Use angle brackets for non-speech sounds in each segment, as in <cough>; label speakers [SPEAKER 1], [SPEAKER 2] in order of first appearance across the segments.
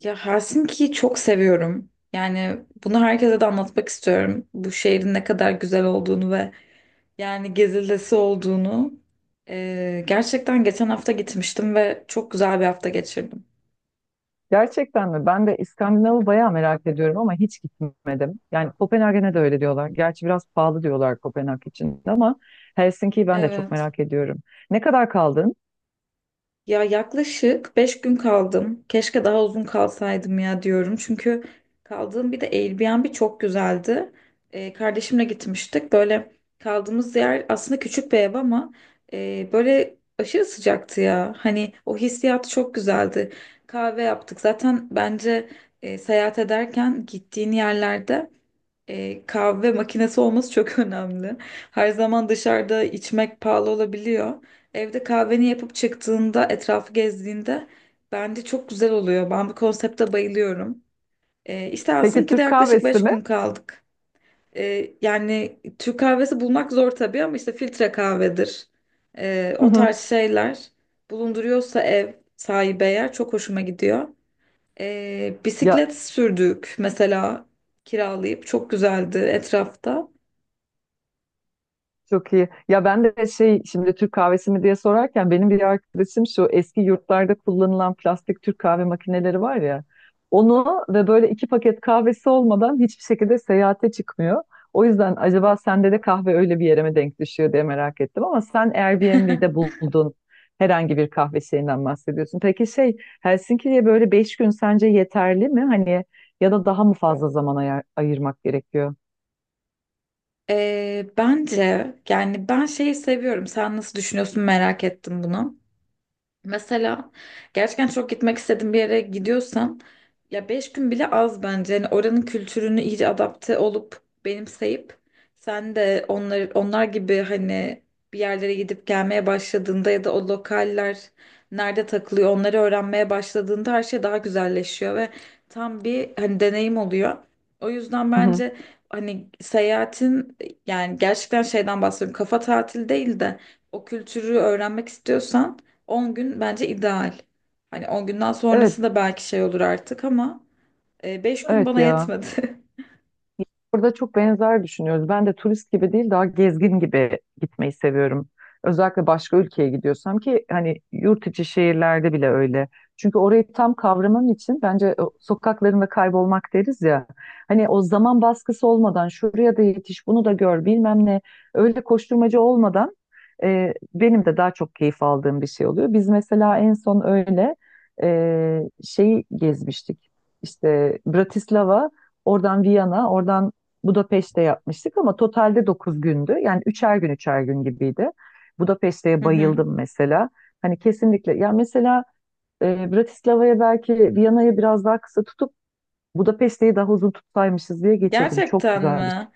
[SPEAKER 1] Ya Helsinki'yi çok seviyorum. Yani bunu herkese de anlatmak istiyorum. Bu şehrin ne kadar güzel olduğunu ve yani gezilesi olduğunu. Gerçekten geçen hafta gitmiştim ve çok güzel bir hafta geçirdim.
[SPEAKER 2] Gerçekten mi? Ben de İskandinav'ı bayağı merak ediyorum ama hiç gitmedim. Yani Kopenhag'e de öyle diyorlar. Gerçi biraz pahalı diyorlar Kopenhag için ama Helsinki'yi ben de çok
[SPEAKER 1] Evet.
[SPEAKER 2] merak ediyorum. Ne kadar kaldın?
[SPEAKER 1] Ya yaklaşık 5 gün kaldım. Keşke daha uzun kalsaydım ya diyorum. Çünkü kaldığım bir de Airbnb çok güzeldi. Kardeşimle gitmiştik. Böyle kaldığımız yer aslında küçük bir ev ama böyle aşırı sıcaktı ya. Hani o hissiyat çok güzeldi. Kahve yaptık. Zaten bence seyahat ederken gittiğin yerlerde kahve makinesi olması çok <laughs> önemli. Her zaman dışarıda içmek pahalı olabiliyor. Evde kahveni yapıp çıktığında, etrafı gezdiğinde bence çok güzel oluyor. Ben bu konsepte bayılıyorum. İstersin
[SPEAKER 2] Peki
[SPEAKER 1] ki de
[SPEAKER 2] Türk
[SPEAKER 1] yaklaşık
[SPEAKER 2] kahvesi
[SPEAKER 1] 5
[SPEAKER 2] mi?
[SPEAKER 1] gün kaldık. Yani Türk kahvesi bulmak zor tabii ama işte filtre kahvedir.
[SPEAKER 2] Hı
[SPEAKER 1] O
[SPEAKER 2] hı.
[SPEAKER 1] tarz şeyler bulunduruyorsa ev sahibi eğer çok hoşuma gidiyor.
[SPEAKER 2] Ya,
[SPEAKER 1] Bisiklet sürdük mesela kiralayıp çok güzeldi etrafta.
[SPEAKER 2] çok iyi. Ya ben de şey şimdi Türk kahvesi mi diye sorarken benim bir arkadaşım şu eski yurtlarda kullanılan plastik Türk kahve makineleri var ya onu ve böyle iki paket kahvesi olmadan hiçbir şekilde seyahate çıkmıyor. O yüzden acaba sende de kahve öyle bir yere mi denk düşüyor diye merak ettim ama sen Airbnb'de buldun herhangi bir kahve şeyinden bahsediyorsun. Peki şey Helsinki'ye böyle 5 gün sence yeterli mi? Hani ya da daha mı fazla zaman ayırmak gerekiyor?
[SPEAKER 1] Bence yani ben şeyi seviyorum. Sen nasıl düşünüyorsun merak ettim bunu. Mesela gerçekten çok gitmek istediğim bir yere gidiyorsan ya beş gün bile az bence. Yani oranın kültürünü iyice adapte olup benimseyip sen de onlar gibi hani bir yerlere gidip gelmeye başladığında ya da o lokaller nerede takılıyor onları öğrenmeye başladığında her şey daha güzelleşiyor ve tam bir hani deneyim oluyor. O yüzden
[SPEAKER 2] Hı hı.
[SPEAKER 1] bence hani seyahatin yani gerçekten şeyden bahsediyorum kafa tatili değil de o kültürü öğrenmek istiyorsan 10 gün bence ideal. Hani 10 günden
[SPEAKER 2] Evet,
[SPEAKER 1] sonrası da belki şey olur artık ama 5 gün
[SPEAKER 2] evet
[SPEAKER 1] bana
[SPEAKER 2] ya.
[SPEAKER 1] yetmedi.
[SPEAKER 2] Burada çok benzer düşünüyoruz. Ben de turist gibi değil daha gezgin gibi gitmeyi seviyorum. Özellikle başka ülkeye gidiyorsam ki hani yurt içi şehirlerde bile öyle. Çünkü orayı tam kavramam için bence o sokaklarında kaybolmak deriz ya. Hani o zaman baskısı olmadan şuraya da yetiş bunu da gör bilmem ne öyle koşturmacı olmadan benim de daha çok keyif aldığım bir şey oluyor. Biz mesela en son öyle şeyi gezmiştik. İşte Bratislava, oradan Viyana, oradan Budapeşte yapmıştık ama totalde 9 gündü. Yani üçer gün üçer gün gibiydi.
[SPEAKER 1] <laughs>
[SPEAKER 2] Budapeşte'ye
[SPEAKER 1] Hı hı.
[SPEAKER 2] bayıldım mesela. Hani kesinlikle ya mesela Bratislava'ya belki Viyana'yı biraz daha kısa tutup Budapeşte'yi daha uzun tutsaymışız diye geçirdim. Çok
[SPEAKER 1] Gerçekten
[SPEAKER 2] güzel bir şey.
[SPEAKER 1] mi?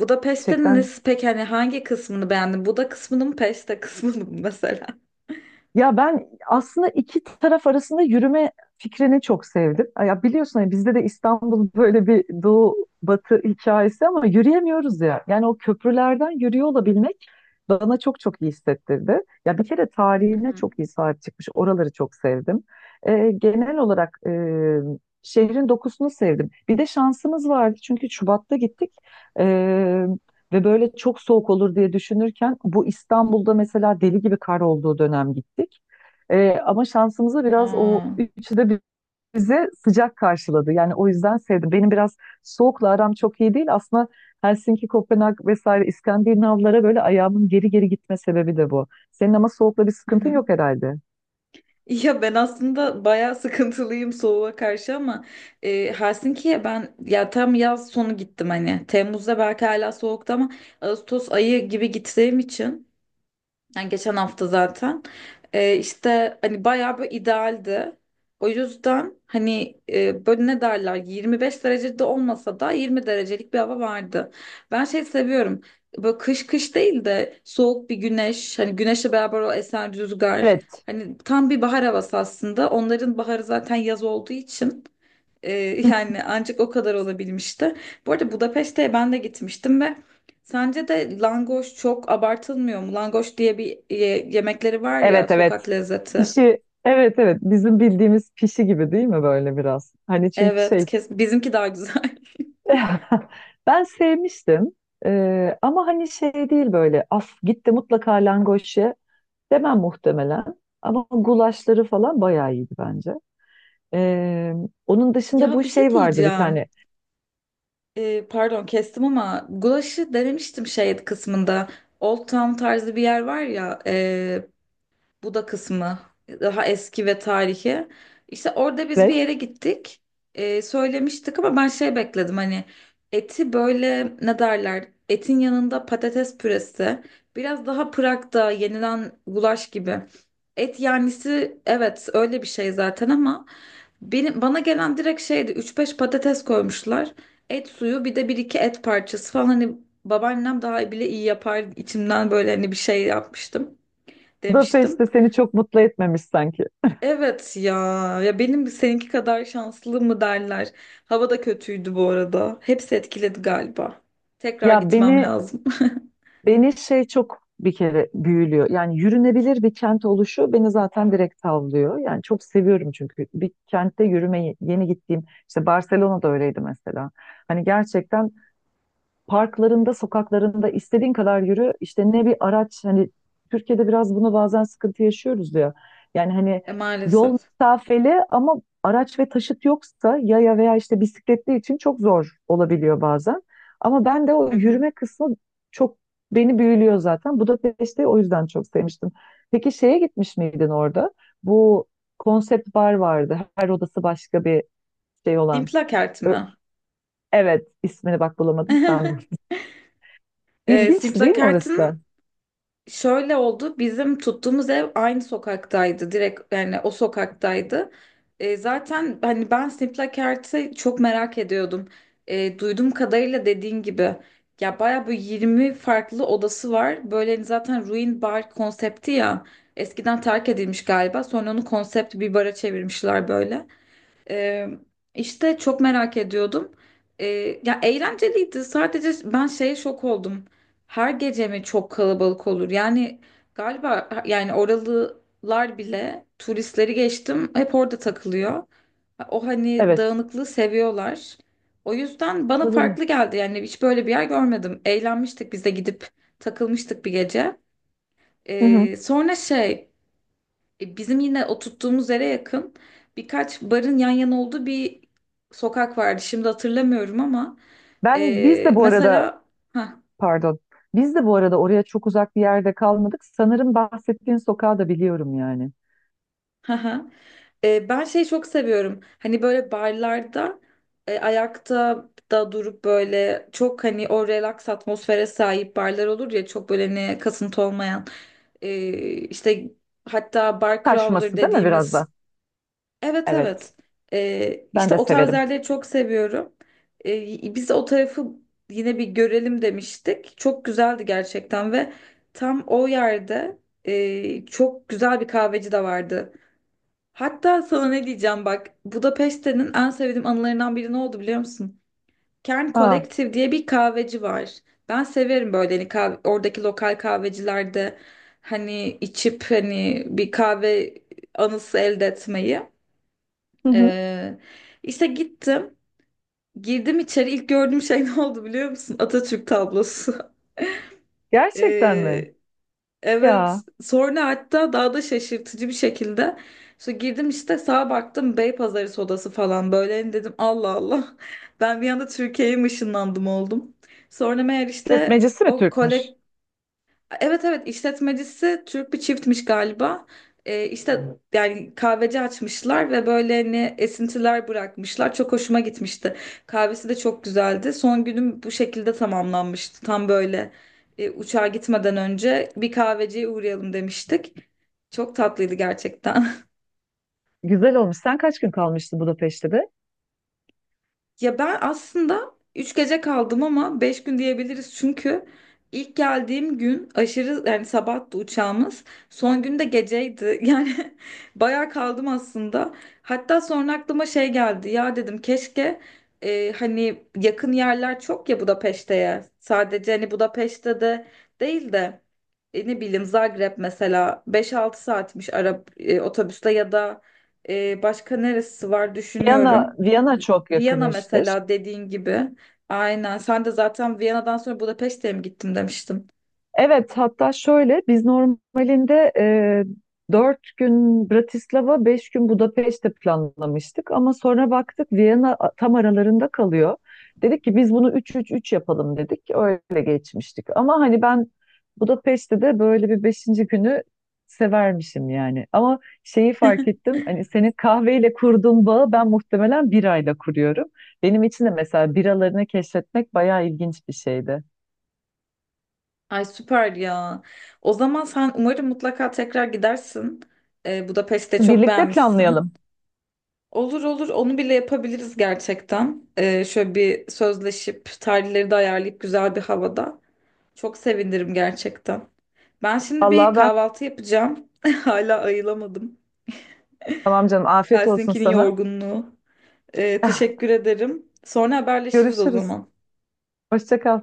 [SPEAKER 1] Budapeşte'nin
[SPEAKER 2] Gerçekten.
[SPEAKER 1] nesi peki hani hangi kısmını beğendin? Buda kısmını mı peste kısmını mı <laughs> mesela?
[SPEAKER 2] Ya ben aslında iki taraf arasında yürüme fikrini çok sevdim. Ya biliyorsun hani bizde de İstanbul <laughs> böyle bir doğu batı hikayesi ama yürüyemiyoruz ya. Yani o köprülerden yürüyor olabilmek bana çok çok iyi hissettirdi. Ya bir kere
[SPEAKER 1] Hı
[SPEAKER 2] tarihine
[SPEAKER 1] hı.
[SPEAKER 2] çok iyi sahip çıkmış. Oraları çok sevdim. Genel olarak şehrin dokusunu sevdim. Bir de şansımız vardı çünkü Şubat'ta gittik. Ve böyle çok soğuk olur diye düşünürken bu İstanbul'da mesela deli gibi kar olduğu dönem gittik. Ama şansımıza biraz o
[SPEAKER 1] Aa.
[SPEAKER 2] üçü de bize sıcak karşıladı. Yani o yüzden sevdim. Benim biraz soğukla aram çok iyi değil. Aslında Helsinki, Kopenhag vesaire İskandinavlara böyle ayağımın geri geri gitme sebebi de bu. Senin ama soğukla bir
[SPEAKER 1] Hı
[SPEAKER 2] sıkıntın
[SPEAKER 1] hı.
[SPEAKER 2] yok herhalde.
[SPEAKER 1] Ya ben aslında bayağı sıkıntılıyım soğuğa karşı ama Helsinki'ye ben ya tam yaz sonu gittim hani Temmuz'da belki hala soğuktu ama Ağustos ayı gibi gittiğim için yani geçen hafta zaten. İşte hani bayağı bir idealdi. O yüzden hani böyle ne derler 25 derecede olmasa da 20 derecelik bir hava vardı. Ben şey seviyorum. Böyle kış kış değil de soğuk bir güneş. Hani güneşle beraber o esen rüzgar.
[SPEAKER 2] Evet,
[SPEAKER 1] Hani tam bir bahar havası aslında. Onların baharı zaten yaz olduğu için. Ee, Yani ancak o kadar olabilmişti. Bu arada Budapeşte'ye ben de gitmiştim ve sence de langoş çok abartılmıyor mu? Langoş diye bir yemekleri var ya
[SPEAKER 2] evet, evet.
[SPEAKER 1] sokak lezzeti.
[SPEAKER 2] Pişi, evet, evet. Bizim bildiğimiz pişi gibi değil mi böyle biraz? Hani çünkü
[SPEAKER 1] Evet,
[SPEAKER 2] şey.
[SPEAKER 1] kes bizimki daha güzel. <laughs>
[SPEAKER 2] <laughs> Ben sevmiştim. Ama hani şey değil böyle af gitti mutlaka langoş ye demem muhtemelen. Ama gulaşları falan bayağı iyiydi bence. Ee, onun dışında
[SPEAKER 1] Ya
[SPEAKER 2] bu
[SPEAKER 1] bir şey
[SPEAKER 2] şey vardı bir
[SPEAKER 1] diyeceğim.
[SPEAKER 2] tane.
[SPEAKER 1] Pardon kestim ama gulaşı denemiştim şey kısmında. Old Town tarzı bir yer var ya, bu da kısmı daha eski ve tarihi. İşte orada biz bir
[SPEAKER 2] Evet.
[SPEAKER 1] yere gittik. Söylemiştik ama ben şey bekledim hani eti böyle ne derler? Etin yanında patates püresi. Biraz daha Prag'da yenilen gulaş gibi. Et yanlisi evet öyle bir şey zaten ama bana gelen direkt şeydi üç beş patates koymuşlar. Et suyu bir de bir iki et parçası falan hani babaannem daha bile iyi yapar içimden böyle hani bir şey yapmıştım demiştim.
[SPEAKER 2] Budapest'te seni çok mutlu etmemiş sanki.
[SPEAKER 1] Evet ya. Ya benim seninki kadar şanslı mı derler. Hava da kötüydü bu arada. Hepsi etkiledi galiba. Tekrar
[SPEAKER 2] Ya
[SPEAKER 1] gitmem
[SPEAKER 2] beni
[SPEAKER 1] lazım. <laughs>
[SPEAKER 2] beni şey çok bir kere büyülüyor. Yani yürünebilir bir kent oluşu beni zaten direkt tavlıyor. Yani çok seviyorum çünkü bir kentte yürümeyi yeni gittiğim işte Barcelona'da öyleydi mesela. Hani gerçekten parklarında, sokaklarında istediğin kadar yürü. İşte ne bir araç hani Türkiye'de biraz bunu bazen sıkıntı yaşıyoruz diyor. Yani hani
[SPEAKER 1] E
[SPEAKER 2] yol
[SPEAKER 1] maalesef.
[SPEAKER 2] mesafeli ama araç ve taşıt yoksa yaya veya işte bisikletli için çok zor olabiliyor bazen. Ama ben de o
[SPEAKER 1] Hı hı.
[SPEAKER 2] yürüme kısmı çok beni büyülüyor zaten. Budapeşte'yi o yüzden çok sevmiştim. Peki şeye gitmiş miydin orada? Bu konsept bar vardı. Her odası başka bir şey olan.
[SPEAKER 1] Simplakert
[SPEAKER 2] Ö-
[SPEAKER 1] mi?
[SPEAKER 2] Evet, ismini bak bulamadım.
[SPEAKER 1] <laughs>
[SPEAKER 2] İlginçti değil mi orası
[SPEAKER 1] Simplakert'in
[SPEAKER 2] da?
[SPEAKER 1] şöyle oldu. Bizim tuttuğumuz ev aynı sokaktaydı. Direkt yani o sokaktaydı. Zaten hani ben Snip'le Ert'i çok merak ediyordum. Duyduğum kadarıyla dediğin gibi ya bayağı böyle 20 farklı odası var. Böyle hani zaten ruin bar konsepti ya. Eskiden terk edilmiş galiba. Sonra onu konsept bir bara çevirmişler böyle. Ee, işte çok merak ediyordum. Ee, Ya eğlenceliydi. Sadece ben şeye şok oldum. Her gece mi çok kalabalık olur? Yani galiba yani oralılar bile turistleri geçtim hep orada takılıyor. O hani
[SPEAKER 2] Evet.
[SPEAKER 1] dağınıklığı seviyorlar. O yüzden bana
[SPEAKER 2] Olabilir.
[SPEAKER 1] farklı geldi. Yani hiç böyle bir yer görmedim. Eğlenmiştik biz de gidip takılmıştık bir gece.
[SPEAKER 2] Hı hı.
[SPEAKER 1] Sonra şey bizim yine oturttuğumuz yere yakın birkaç barın yan yana olduğu bir sokak vardı. Şimdi hatırlamıyorum ama
[SPEAKER 2] Biz de bu arada
[SPEAKER 1] mesela ha
[SPEAKER 2] pardon. Biz de bu arada oraya çok uzak bir yerde kalmadık. Sanırım bahsettiğin sokağı da biliyorum yani.
[SPEAKER 1] ha ha. Ben şeyi çok seviyorum. Hani böyle barlarda ayakta da durup böyle çok hani o relax atmosfere sahip barlar olur ya çok böyle hani kasıntı olmayan. E, işte hatta bar crawler
[SPEAKER 2] Taşması değil mi biraz da?
[SPEAKER 1] dediğimiz evet
[SPEAKER 2] Evet.
[SPEAKER 1] evet.
[SPEAKER 2] Ben
[SPEAKER 1] İşte
[SPEAKER 2] de
[SPEAKER 1] o tarz
[SPEAKER 2] severim.
[SPEAKER 1] yerleri çok seviyorum. Biz o tarafı yine bir görelim demiştik. Çok güzeldi gerçekten ve tam o yerde çok güzel bir kahveci de vardı. Hatta sana ne diyeceğim bak. Budapeşte'nin en sevdiğim anılarından biri ne oldu biliyor musun? Kern
[SPEAKER 2] Aa.
[SPEAKER 1] Collective diye bir kahveci var. Ben severim böyle hani kahve, oradaki lokal kahvecilerde hani içip hani bir kahve anısı elde etmeyi.
[SPEAKER 2] Hı hı.
[SPEAKER 1] Ee, işte gittim. Girdim içeri. İlk gördüğüm şey <laughs> ne oldu biliyor musun? Atatürk tablosu. <laughs>
[SPEAKER 2] Gerçekten mi?
[SPEAKER 1] Ee,
[SPEAKER 2] Ya.
[SPEAKER 1] evet. Sonra hatta daha da şaşırtıcı bir şekilde. İşte girdim işte sağa baktım Beypazarı sodası falan böyle. Hani dedim Allah Allah. <laughs> Ben bir anda Türkiye'ye mi ışınlandım oldum. Sonra meğer işte
[SPEAKER 2] İşletmecisi mi
[SPEAKER 1] o
[SPEAKER 2] Türkmüş?
[SPEAKER 1] evet evet işletmecisi Türk bir çiftmiş galiba. İşte yani kahveci açmışlar ve böyle hani esintiler bırakmışlar. Çok hoşuma gitmişti. Kahvesi de çok güzeldi. Son günüm bu şekilde tamamlanmıştı. Tam böyle uçağa gitmeden önce bir kahveciye uğrayalım demiştik. Çok tatlıydı gerçekten. <laughs>
[SPEAKER 2] Güzel olmuş. Sen kaç gün kalmıştın Budapeşte'de?
[SPEAKER 1] Ya ben aslında 3 gece kaldım ama 5 gün diyebiliriz çünkü ilk geldiğim gün aşırı yani sabahtı uçağımız. Son gün de geceydi. <laughs> Yani bayağı kaldım aslında. Hatta sonra aklıma şey geldi. Ya dedim keşke hani yakın yerler çok ya Budapeşte'ye. Sadece hani Budapeşte de değil de ne bileyim Zagreb mesela beş altı saatmiş Arap otobüste ya da başka neresi var
[SPEAKER 2] Viyana,
[SPEAKER 1] düşünüyorum.
[SPEAKER 2] Viyana çok yakın
[SPEAKER 1] Viyana
[SPEAKER 2] işte.
[SPEAKER 1] mesela dediğin gibi. Aynen. Sen de zaten Viyana'dan sonra Budapeşte'ye mi gittim demiştin.
[SPEAKER 2] Evet, hatta şöyle biz normalinde 4 gün Bratislava, 5 gün Budapeşte planlamıştık ama sonra baktık Viyana tam aralarında kalıyor. Dedik ki biz bunu üç üç üç yapalım dedik. Öyle geçmiştik. Ama hani ben Budapeşte de böyle bir beşinci günü severmişim yani. Ama şeyi fark ettim. Hani senin kahveyle kurduğun bağı ben muhtemelen birayla kuruyorum. Benim için de mesela biralarını keşfetmek bayağı ilginç bir şeydi.
[SPEAKER 1] Ay süper ya. O zaman sen umarım mutlaka tekrar gidersin. Budapeşte çok
[SPEAKER 2] Birlikte planlayalım.
[SPEAKER 1] beğenmişsin. Olur olur onu bile yapabiliriz gerçekten. Şöyle bir sözleşip tarihleri de ayarlayıp güzel bir havada. Çok sevinirim gerçekten. Ben şimdi bir
[SPEAKER 2] Vallahi ben
[SPEAKER 1] kahvaltı yapacağım. <laughs> Hala ayılamadım.
[SPEAKER 2] tamam canım afiyet olsun
[SPEAKER 1] Helsinki'nin
[SPEAKER 2] sana.
[SPEAKER 1] yorgunluğu.
[SPEAKER 2] <laughs>
[SPEAKER 1] Teşekkür ederim. Sonra haberleşiriz o
[SPEAKER 2] Görüşürüz.
[SPEAKER 1] zaman.
[SPEAKER 2] Hoşça kal.